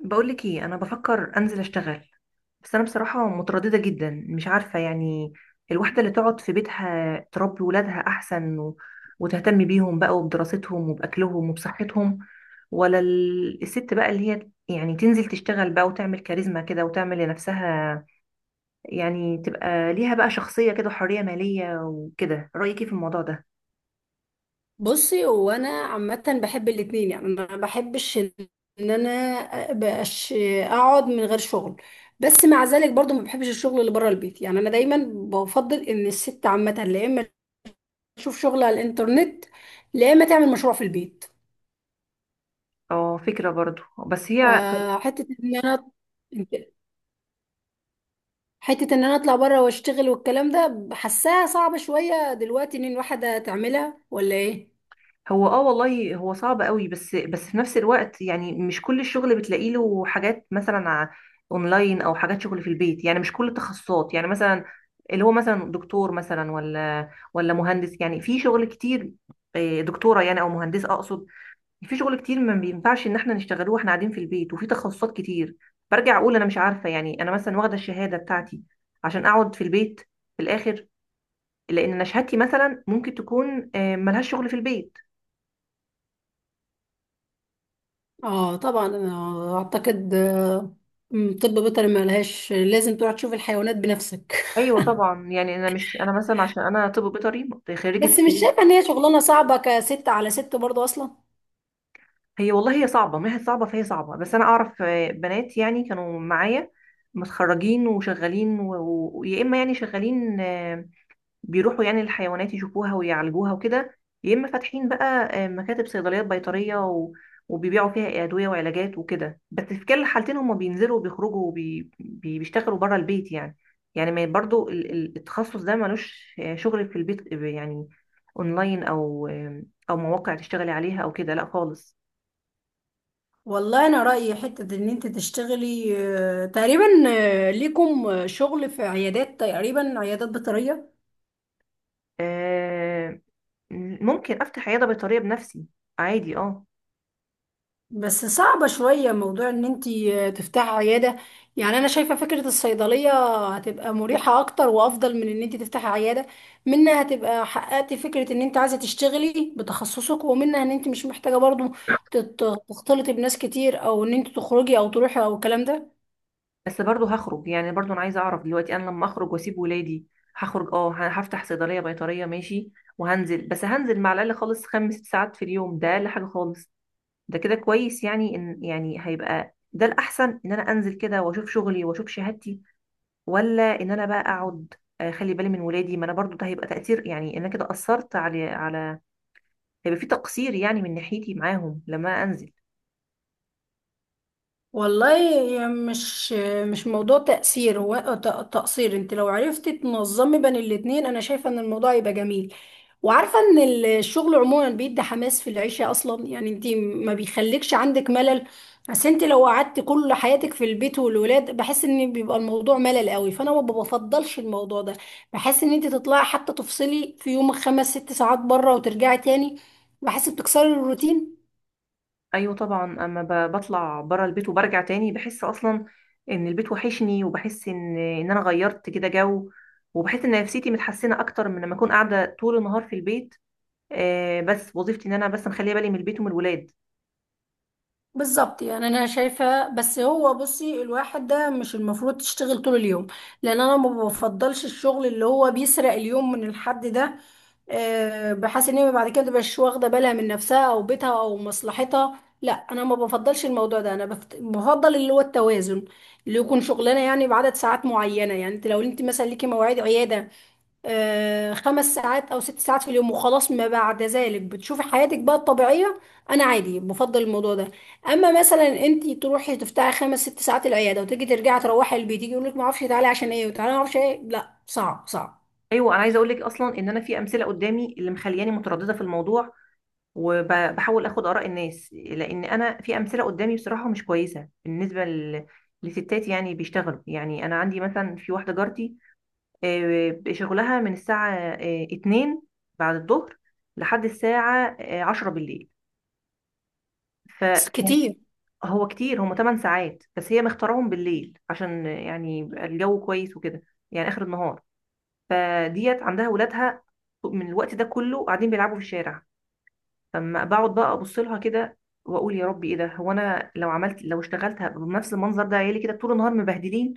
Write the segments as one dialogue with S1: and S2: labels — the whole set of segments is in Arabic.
S1: بقولك ايه؟ انا بفكر انزل اشتغل، بس انا بصراحه متردده جدا، مش عارفه يعني الواحده اللي تقعد في بيتها تربي ولادها احسن و... وتهتم بيهم بقى وبدراستهم وباكلهم وبصحتهم، ولا الست بقى اللي هي يعني تنزل تشتغل بقى وتعمل كاريزما كده وتعمل لنفسها، يعني تبقى ليها بقى شخصيه كده وحريه ماليه وكده. رايك ايه في الموضوع ده؟
S2: بصي، هو انا عامه بحب الاتنين. يعني انا ما بحبش ان انا ابقاش اقعد من غير شغل، بس مع ذلك برضو ما بحبش الشغل اللي بره البيت. يعني انا دايما بفضل ان الست عامه لا اما تشوف شغل على الانترنت لا اما تعمل مشروع في البيت.
S1: اه فكره برضو، بس هي،
S2: فحته ان انا حته ان انا اطلع بره واشتغل والكلام ده، حاساها صعبه شويه دلوقتي ان الواحده تعملها ولا ايه؟
S1: هو اه والله هو صعب قوي، بس في نفس الوقت يعني مش كل الشغل بتلاقي له حاجات، مثلا اونلاين او حاجات شغل في البيت، يعني مش كل التخصصات، يعني مثلا اللي هو مثلا دكتور مثلا ولا مهندس، يعني في شغل كتير. دكتورة يعني او مهندسة اقصد، في شغل كتير ما بينفعش ان احنا نشتغلوه واحنا قاعدين في البيت، وفي تخصصات كتير. برجع اقول انا مش عارفة، يعني انا مثلا واخدة الشهادة بتاعتي عشان اقعد في البيت في الاخر؟ لان انا شهادتي مثلا ممكن تكون ملهاش شغل في البيت.
S2: اه طبعا، انا اعتقد طب بيطري ما لهاش، لازم تروح تشوف الحيوانات بنفسك
S1: ايوه طبعا، يعني انا مش، انا مثلا عشان انا طب بيطري،
S2: بس
S1: خريجه
S2: مش
S1: طب.
S2: شايفه ان هي شغلانه صعبه كست على ست برضه اصلا.
S1: هي والله هي صعبه، ما هي صعبه، فهي صعبه، بس انا اعرف بنات يعني كانوا معايا متخرجين وشغالين، يا اما يعني شغالين بيروحوا يعني الحيوانات يشوفوها ويعالجوها وكده، يا اما فاتحين بقى مكاتب صيدليات بيطريه و... وبيبيعوا فيها ادويه وعلاجات وكده، بس في كل الحالتين هم بينزلوا وبيخرجوا وبيشتغلوا بره البيت يعني. يعني ما برضو التخصص ده ملوش شغل في البيت، يعني اونلاين او مواقع تشتغلي عليها او كده، لا خالص.
S2: والله انا رايي حته ان انت تشتغلي، تقريبا ليكم شغل في عيادات، تقريبا عيادات بيطريه.
S1: آه، ممكن افتح عياده بيطريه بنفسي، عادي اه.
S2: بس صعبة شوية موضوع ان انتي تفتحي عيادة. يعني انا شايفة فكرة الصيدلية هتبقى مريحة اكتر وافضل من ان انتي تفتحي عيادة. منها هتبقى حققتي فكرة ان انت عايزة تشتغلي بتخصصك، ومنها ان انت مش محتاجة برضو تختلطي بناس كتير، او ان انت تخرجي او تروحي او الكلام ده.
S1: بس برضه هخرج يعني، برضه انا عايزه اعرف دلوقتي انا لما اخرج واسيب ولادي. هخرج اه، هفتح صيدليه بيطريه ماشي، وهنزل، بس هنزل مع الاقل خالص خمس ست ساعات في اليوم، ده اقل حاجه خالص. ده كده كويس يعني، ان يعني هيبقى ده الاحسن ان انا انزل كده واشوف شغلي واشوف شهادتي، ولا ان انا بقى اقعد خلي بالي من ولادي؟ ما انا برضه ده هيبقى تاثير، يعني إن انا كده اثرت على، هيبقى في تقصير يعني من ناحيتي معاهم لما انزل.
S2: والله، مش مش موضوع تأثير، هو ت- تقصير. انت لو عرفتي تنظمي بين الاتنين، انا شايفة ان الموضوع يبقى جميل، وعارفة ان الشغل عموما بيدي حماس في العيشة اصلا. يعني انت ما بيخليكش عندك ملل. بس انت لو قعدت كل حياتك في البيت والولاد، بحس ان بيبقى الموضوع ملل قوي، فانا ما بفضلش الموضوع ده. بحس ان انت تطلعي حتى تفصلي في يومك 5 6 ساعات بره وترجعي تاني، بحس بتكسري الروتين.
S1: ايوه طبعا، اما بطلع بره البيت وبرجع تاني بحس اصلا ان البيت وحشني، وبحس ان انا غيرت كده جو، وبحس ان نفسيتي متحسنه اكتر من لما اكون قاعده طول النهار في البيت. آه، بس وظيفتي ان انا بس مخليه بالي من البيت ومن الولاد.
S2: بالظبط، يعني انا شايفه، بس هو بصي، الواحد ده مش المفروض تشتغل طول اليوم، لان انا ما بفضلش الشغل اللي هو بيسرق اليوم من الحد ده. بحيث ان هي بعد كده متبقاش واخده بالها من نفسها او بيتها او مصلحتها. لا، انا ما بفضلش الموضوع ده. انا بفضل اللي هو التوازن، اللي يكون شغلانه يعني بعدد ساعات معينه. يعني انت لو انت مثلا ليكي مواعيد عياده، 5 ساعات او 6 ساعات في اليوم وخلاص، ما بعد ذلك بتشوفي حياتك بقى الطبيعيه. انا عادي، بفضل الموضوع ده. اما مثلا انت تروحي تفتحي 5 6 ساعات العياده وتيجي ترجعي تروحي البيت، يجي يقول لك ما اعرفش تعالي عشان ايه، وتعالي ما اعرفش ايه، لا، صعب صعب
S1: ايوه، انا عايزه اقول لك اصلا ان انا في امثله قدامي اللي مخلياني متردده في الموضوع، وبحاول اخد اراء الناس، لان انا في امثله قدامي بصراحه مش كويسه بالنسبه لستات يعني بيشتغلوا. يعني انا عندي مثلا في واحده جارتي، شغلها من الساعة 2 بعد الظهر لحد الساعة 10 بالليل. ف-
S2: كتير.
S1: فهو كتير، هم 8 ساعات، بس هي مختارهم بالليل عشان يعني يبقى الجو كويس وكده، يعني آخر النهار. فديت عندها ولادها من الوقت ده كله قاعدين بيلعبوا في الشارع، فما بقعد بقى ابص لها كده واقول يا ربي ايه ده، هو انا لو عملت، لو اشتغلت هبقى بنفس المنظر ده؟ عيالي كده طول النهار مبهدلين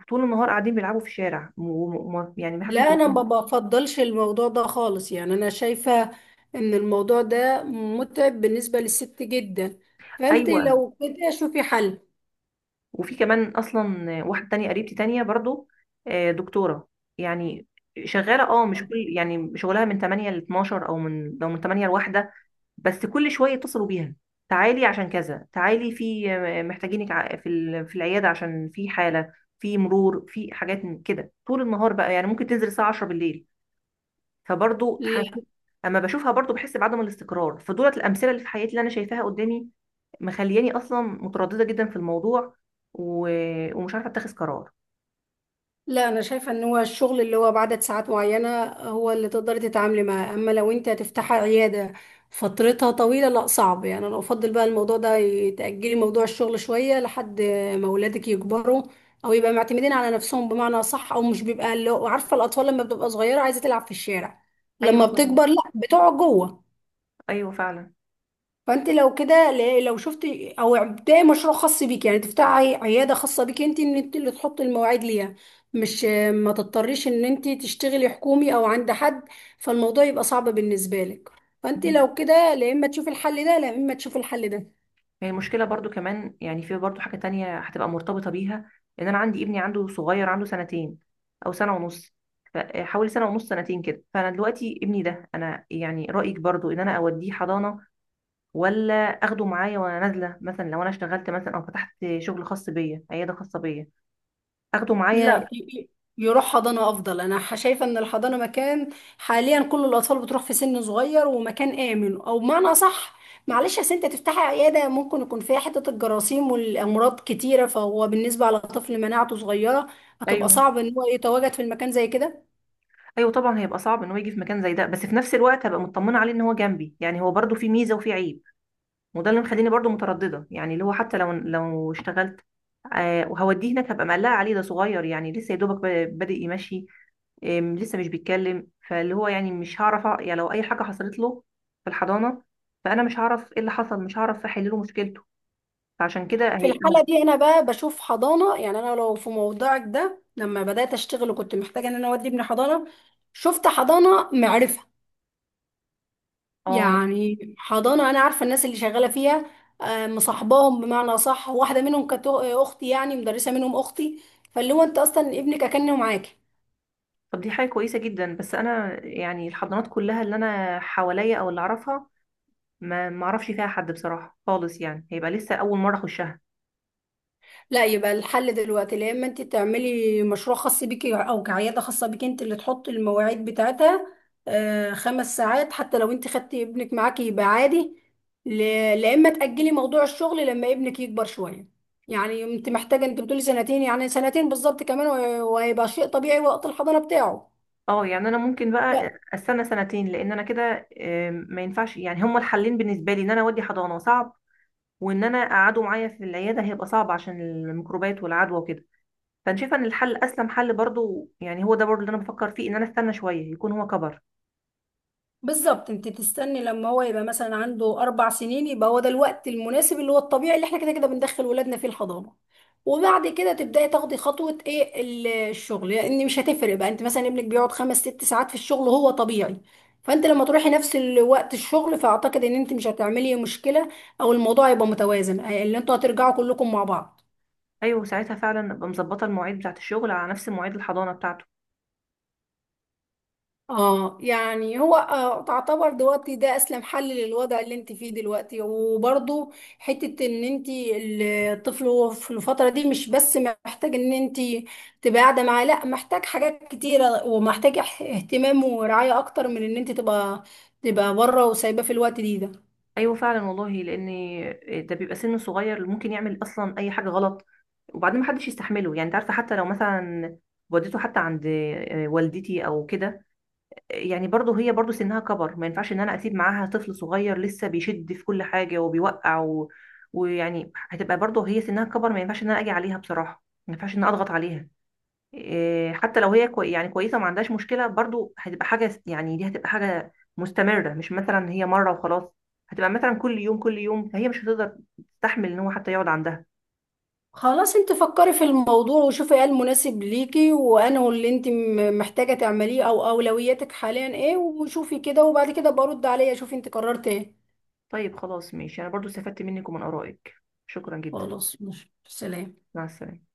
S1: وطول النهار قاعدين بيلعبوا في الشارع يعني
S2: لا،
S1: محدش
S2: انا ما
S1: بيكون.
S2: بفضلش الموضوع ده خالص. يعني انا شايفه ان الموضوع ده متعب بالنسبه للست جدا، فانت
S1: ايوه،
S2: لو كده شوفي حل.
S1: وفي كمان اصلا واحده تانية قريبتي تانية برضو، دكتوره يعني شغاله اه، مش كل، يعني شغلها من 8 ل 12 او من 8 ل 1، بس كل شويه يتصلوا بيها، تعالي عشان كذا، تعالي في محتاجينك في في العياده عشان في حاله، في مرور، في حاجات من كده طول النهار بقى. يعني ممكن تنزل الساعه 10 بالليل، فبرضو تحس، اما بشوفها برضو بحس بعدم الاستقرار. فدولت الامثله اللي في حياتي اللي انا شايفاها قدامي مخلياني اصلا متردده جدا في الموضوع، و... ومش عارفه اتخذ قرار.
S2: لا، انا شايفه ان هو الشغل اللي هو بعدد ساعات معينه هو اللي تقدري تتعاملي معاه، اما لو انت هتفتحي عياده فترتها طويله، لا، صعب. يعني انا افضل بقى الموضوع ده، تاجلي موضوع الشغل شويه لحد ما اولادك يكبروا، او يبقى معتمدين على نفسهم بمعنى صح، او مش بيبقى عارفه الاطفال لما بتبقى صغيره عايزه تلعب في الشارع،
S1: ايوه
S2: لما
S1: طبعا.
S2: بتكبر لا بتقعد جوه.
S1: ايوه فعلا.
S2: فانت لو كده، لو شفت، او ابداي مشروع خاص بيك. يعني تفتحي عياده خاصه بيك انت، ان انت اللي تحط المواعيد ليها، مش ما تضطريش ان انت تشتغلي حكومي او عند حد، فالموضوع يبقى صعب بالنسبه لك. فانت لو كده، لا اما تشوفي الحل ده لا اما تشوفي الحل ده
S1: هي المشكله برضو كمان، يعني في برضو حاجه تانية هتبقى مرتبطه بيها، ان انا عندي ابني عنده صغير، عنده سنتين او سنه ونص. حوالي سنه ونص سنتين كده، فانا دلوقتي ابني ده انا، يعني رايك برضو ان انا اوديه حضانه، ولا اخده معايا وانا نازله مثلا، لو انا اشتغلت مثلا او فتحت شغل خاص بيا، عياده خاصه بيا اخده معايا؟
S2: لا يروح حضانة أفضل. أنا شايفة إن الحضانة مكان، حاليا كل الأطفال بتروح في سن صغير، ومكان آمن. أو بمعنى أصح، معلش، أصل أنت تفتحي عيادة ممكن يكون فيها حتة الجراثيم والأمراض كتيرة، فهو بالنسبة على طفل مناعته صغيرة هتبقى
S1: ايوه.
S2: صعب إن هو يتواجد في المكان زي كده.
S1: ايوه طبعا، هيبقى صعب ان هو يجي في مكان زي ده، بس في نفس الوقت هبقى مطمنه عليه ان هو جنبي، يعني هو برضو في ميزه وفي عيب، وده اللي مخليني برضو متردده. يعني اللي هو حتى لو، لو اشتغلت آه وهوديه هناك هبقى مقلقه عليه، ده صغير يعني لسه يا دوبك بادئ يمشي، لسه مش بيتكلم، فاللي هو يعني مش هعرف يعني لو اي حاجه حصلت له في الحضانه فانا مش هعرف ايه اللي حصل، مش هعرف احل له مشكلته، فعشان كده
S2: في
S1: هيبقى
S2: الحالة دي أنا بقى بشوف حضانة. يعني أنا لو في موضوعك ده لما بدأت أشتغل وكنت محتاجة إن أنا أودي ابني حضانة، شفت حضانة معرفة،
S1: اه.
S2: يعني حضانة أنا عارفة الناس اللي شغالة فيها، مصاحباهم بمعنى صح. واحدة منهم كانت أختي، يعني مدرسة منهم أختي، فاللي هو أنت أصلا ابنك أكنه معاكي.
S1: طب دي حاجه كويسه جدا، بس انا يعني الحضانات كلها اللي انا حواليا او اللي اعرفها ما اعرفش فيها حد بصراحه خالص، يعني هيبقى لسه اول مره اخشها.
S2: لا، يبقى الحل دلوقتي، يا إما أنت تعملي مشروع خاص بيكي أو كعيادة خاصة بيكي، أنت اللي تحطي المواعيد بتاعتها، 5 ساعات، حتى لو أنت خدتي ابنك معاكي يبقى عادي. لا إما تأجلي موضوع الشغل لما ابنك يكبر شوية. يعني انت محتاجه، انت بتقولي سنتين، يعني سنتين بالظبط كمان، وهيبقى شيء طبيعي وقت الحضانه بتاعه.
S1: اه، يعني انا ممكن بقى
S2: لا،
S1: استنى سنتين، لان انا كده ما ينفعش يعني، هما الحلين بالنسبه لي ان انا اودي حضانه صعب، وان انا اقعده معايا في العياده هيبقى صعب عشان الميكروبات والعدوى وكده. فانا شايفه ان الحل اسلم حل برضو، يعني هو ده برضو اللي انا بفكر فيه، ان انا استنى شويه يكون هو كبر.
S2: بالظبط انت تستني لما هو يبقى مثلا عنده 4 سنين. يبقى هو ده الوقت المناسب اللي هو الطبيعي اللي احنا كده كده بندخل ولادنا فيه الحضانه. وبعد كده تبداي تاخدي خطوه ايه الشغل، لان مش هتفرق بقى. انت مثلا ابنك بيقعد 5 6 ساعات في الشغل هو طبيعي، فانت لما تروحي نفس الوقت الشغل، فاعتقد ان انت مش هتعملي مشكله، او الموضوع يبقى متوازن، اللي انتوا هترجعوا كلكم مع بعض.
S1: ايوه ساعتها فعلا ابقى مظبطه المواعيد بتاعه الشغل على نفس مواعيد الحضانه بتاعته.
S2: اه يعني هو تعتبر دلوقتي ده اسلم حل للوضع اللي انت فيه دلوقتي، وبرضو حتة ان انت، الطفل هو في الفترة دي مش بس محتاج ان انت تبقى قاعدة معاه، لا، محتاج حاجات كتيرة ومحتاج اهتمام ورعاية اكتر من ان انت تبقى بره وسايباه في الوقت دي ده.
S1: ايوه فعلا والله، لان ده بيبقى سن صغير اللي ممكن يعمل اصلا اي حاجه غلط، وبعدين محدش يستحمله. يعني انت عارفه، حتى لو مثلا وديته حتى عند والدتي او كده، يعني برضه هي برضه سنها كبر، ما ينفعش ان انا اسيب معاها طفل صغير لسه بيشد في كل حاجه وبيوقع و... ويعني هتبقى برضه هي سنها كبر، ما ينفعش ان انا اجي عليها بصراحه، ما ينفعش ان انا اضغط عليها. حتى لو هي كوي يعني كويسه وما عندهاش مشكله، برضو هتبقى حاجه، يعني دي هتبقى حاجه مستمره، مش مثلا هي مره وخلاص، هتبقى مثلا كل يوم كل يوم، فهي مش هتقدر تستحمل ان هو حتى يقعد عندها.
S2: خلاص، انت فكري في الموضوع وشوفي ايه المناسب ليكي، وانه اللي انت محتاجة تعمليه، او اولوياتك حاليا ايه. وشوفي كده وبعد كده برد عليا شوفي انت قررت ايه.
S1: طيب خلاص ماشي، انا برضو استفدت منك ومن ارائك، شكرا جدا.
S2: خلاص ماشي، سلام.
S1: مع السلامه.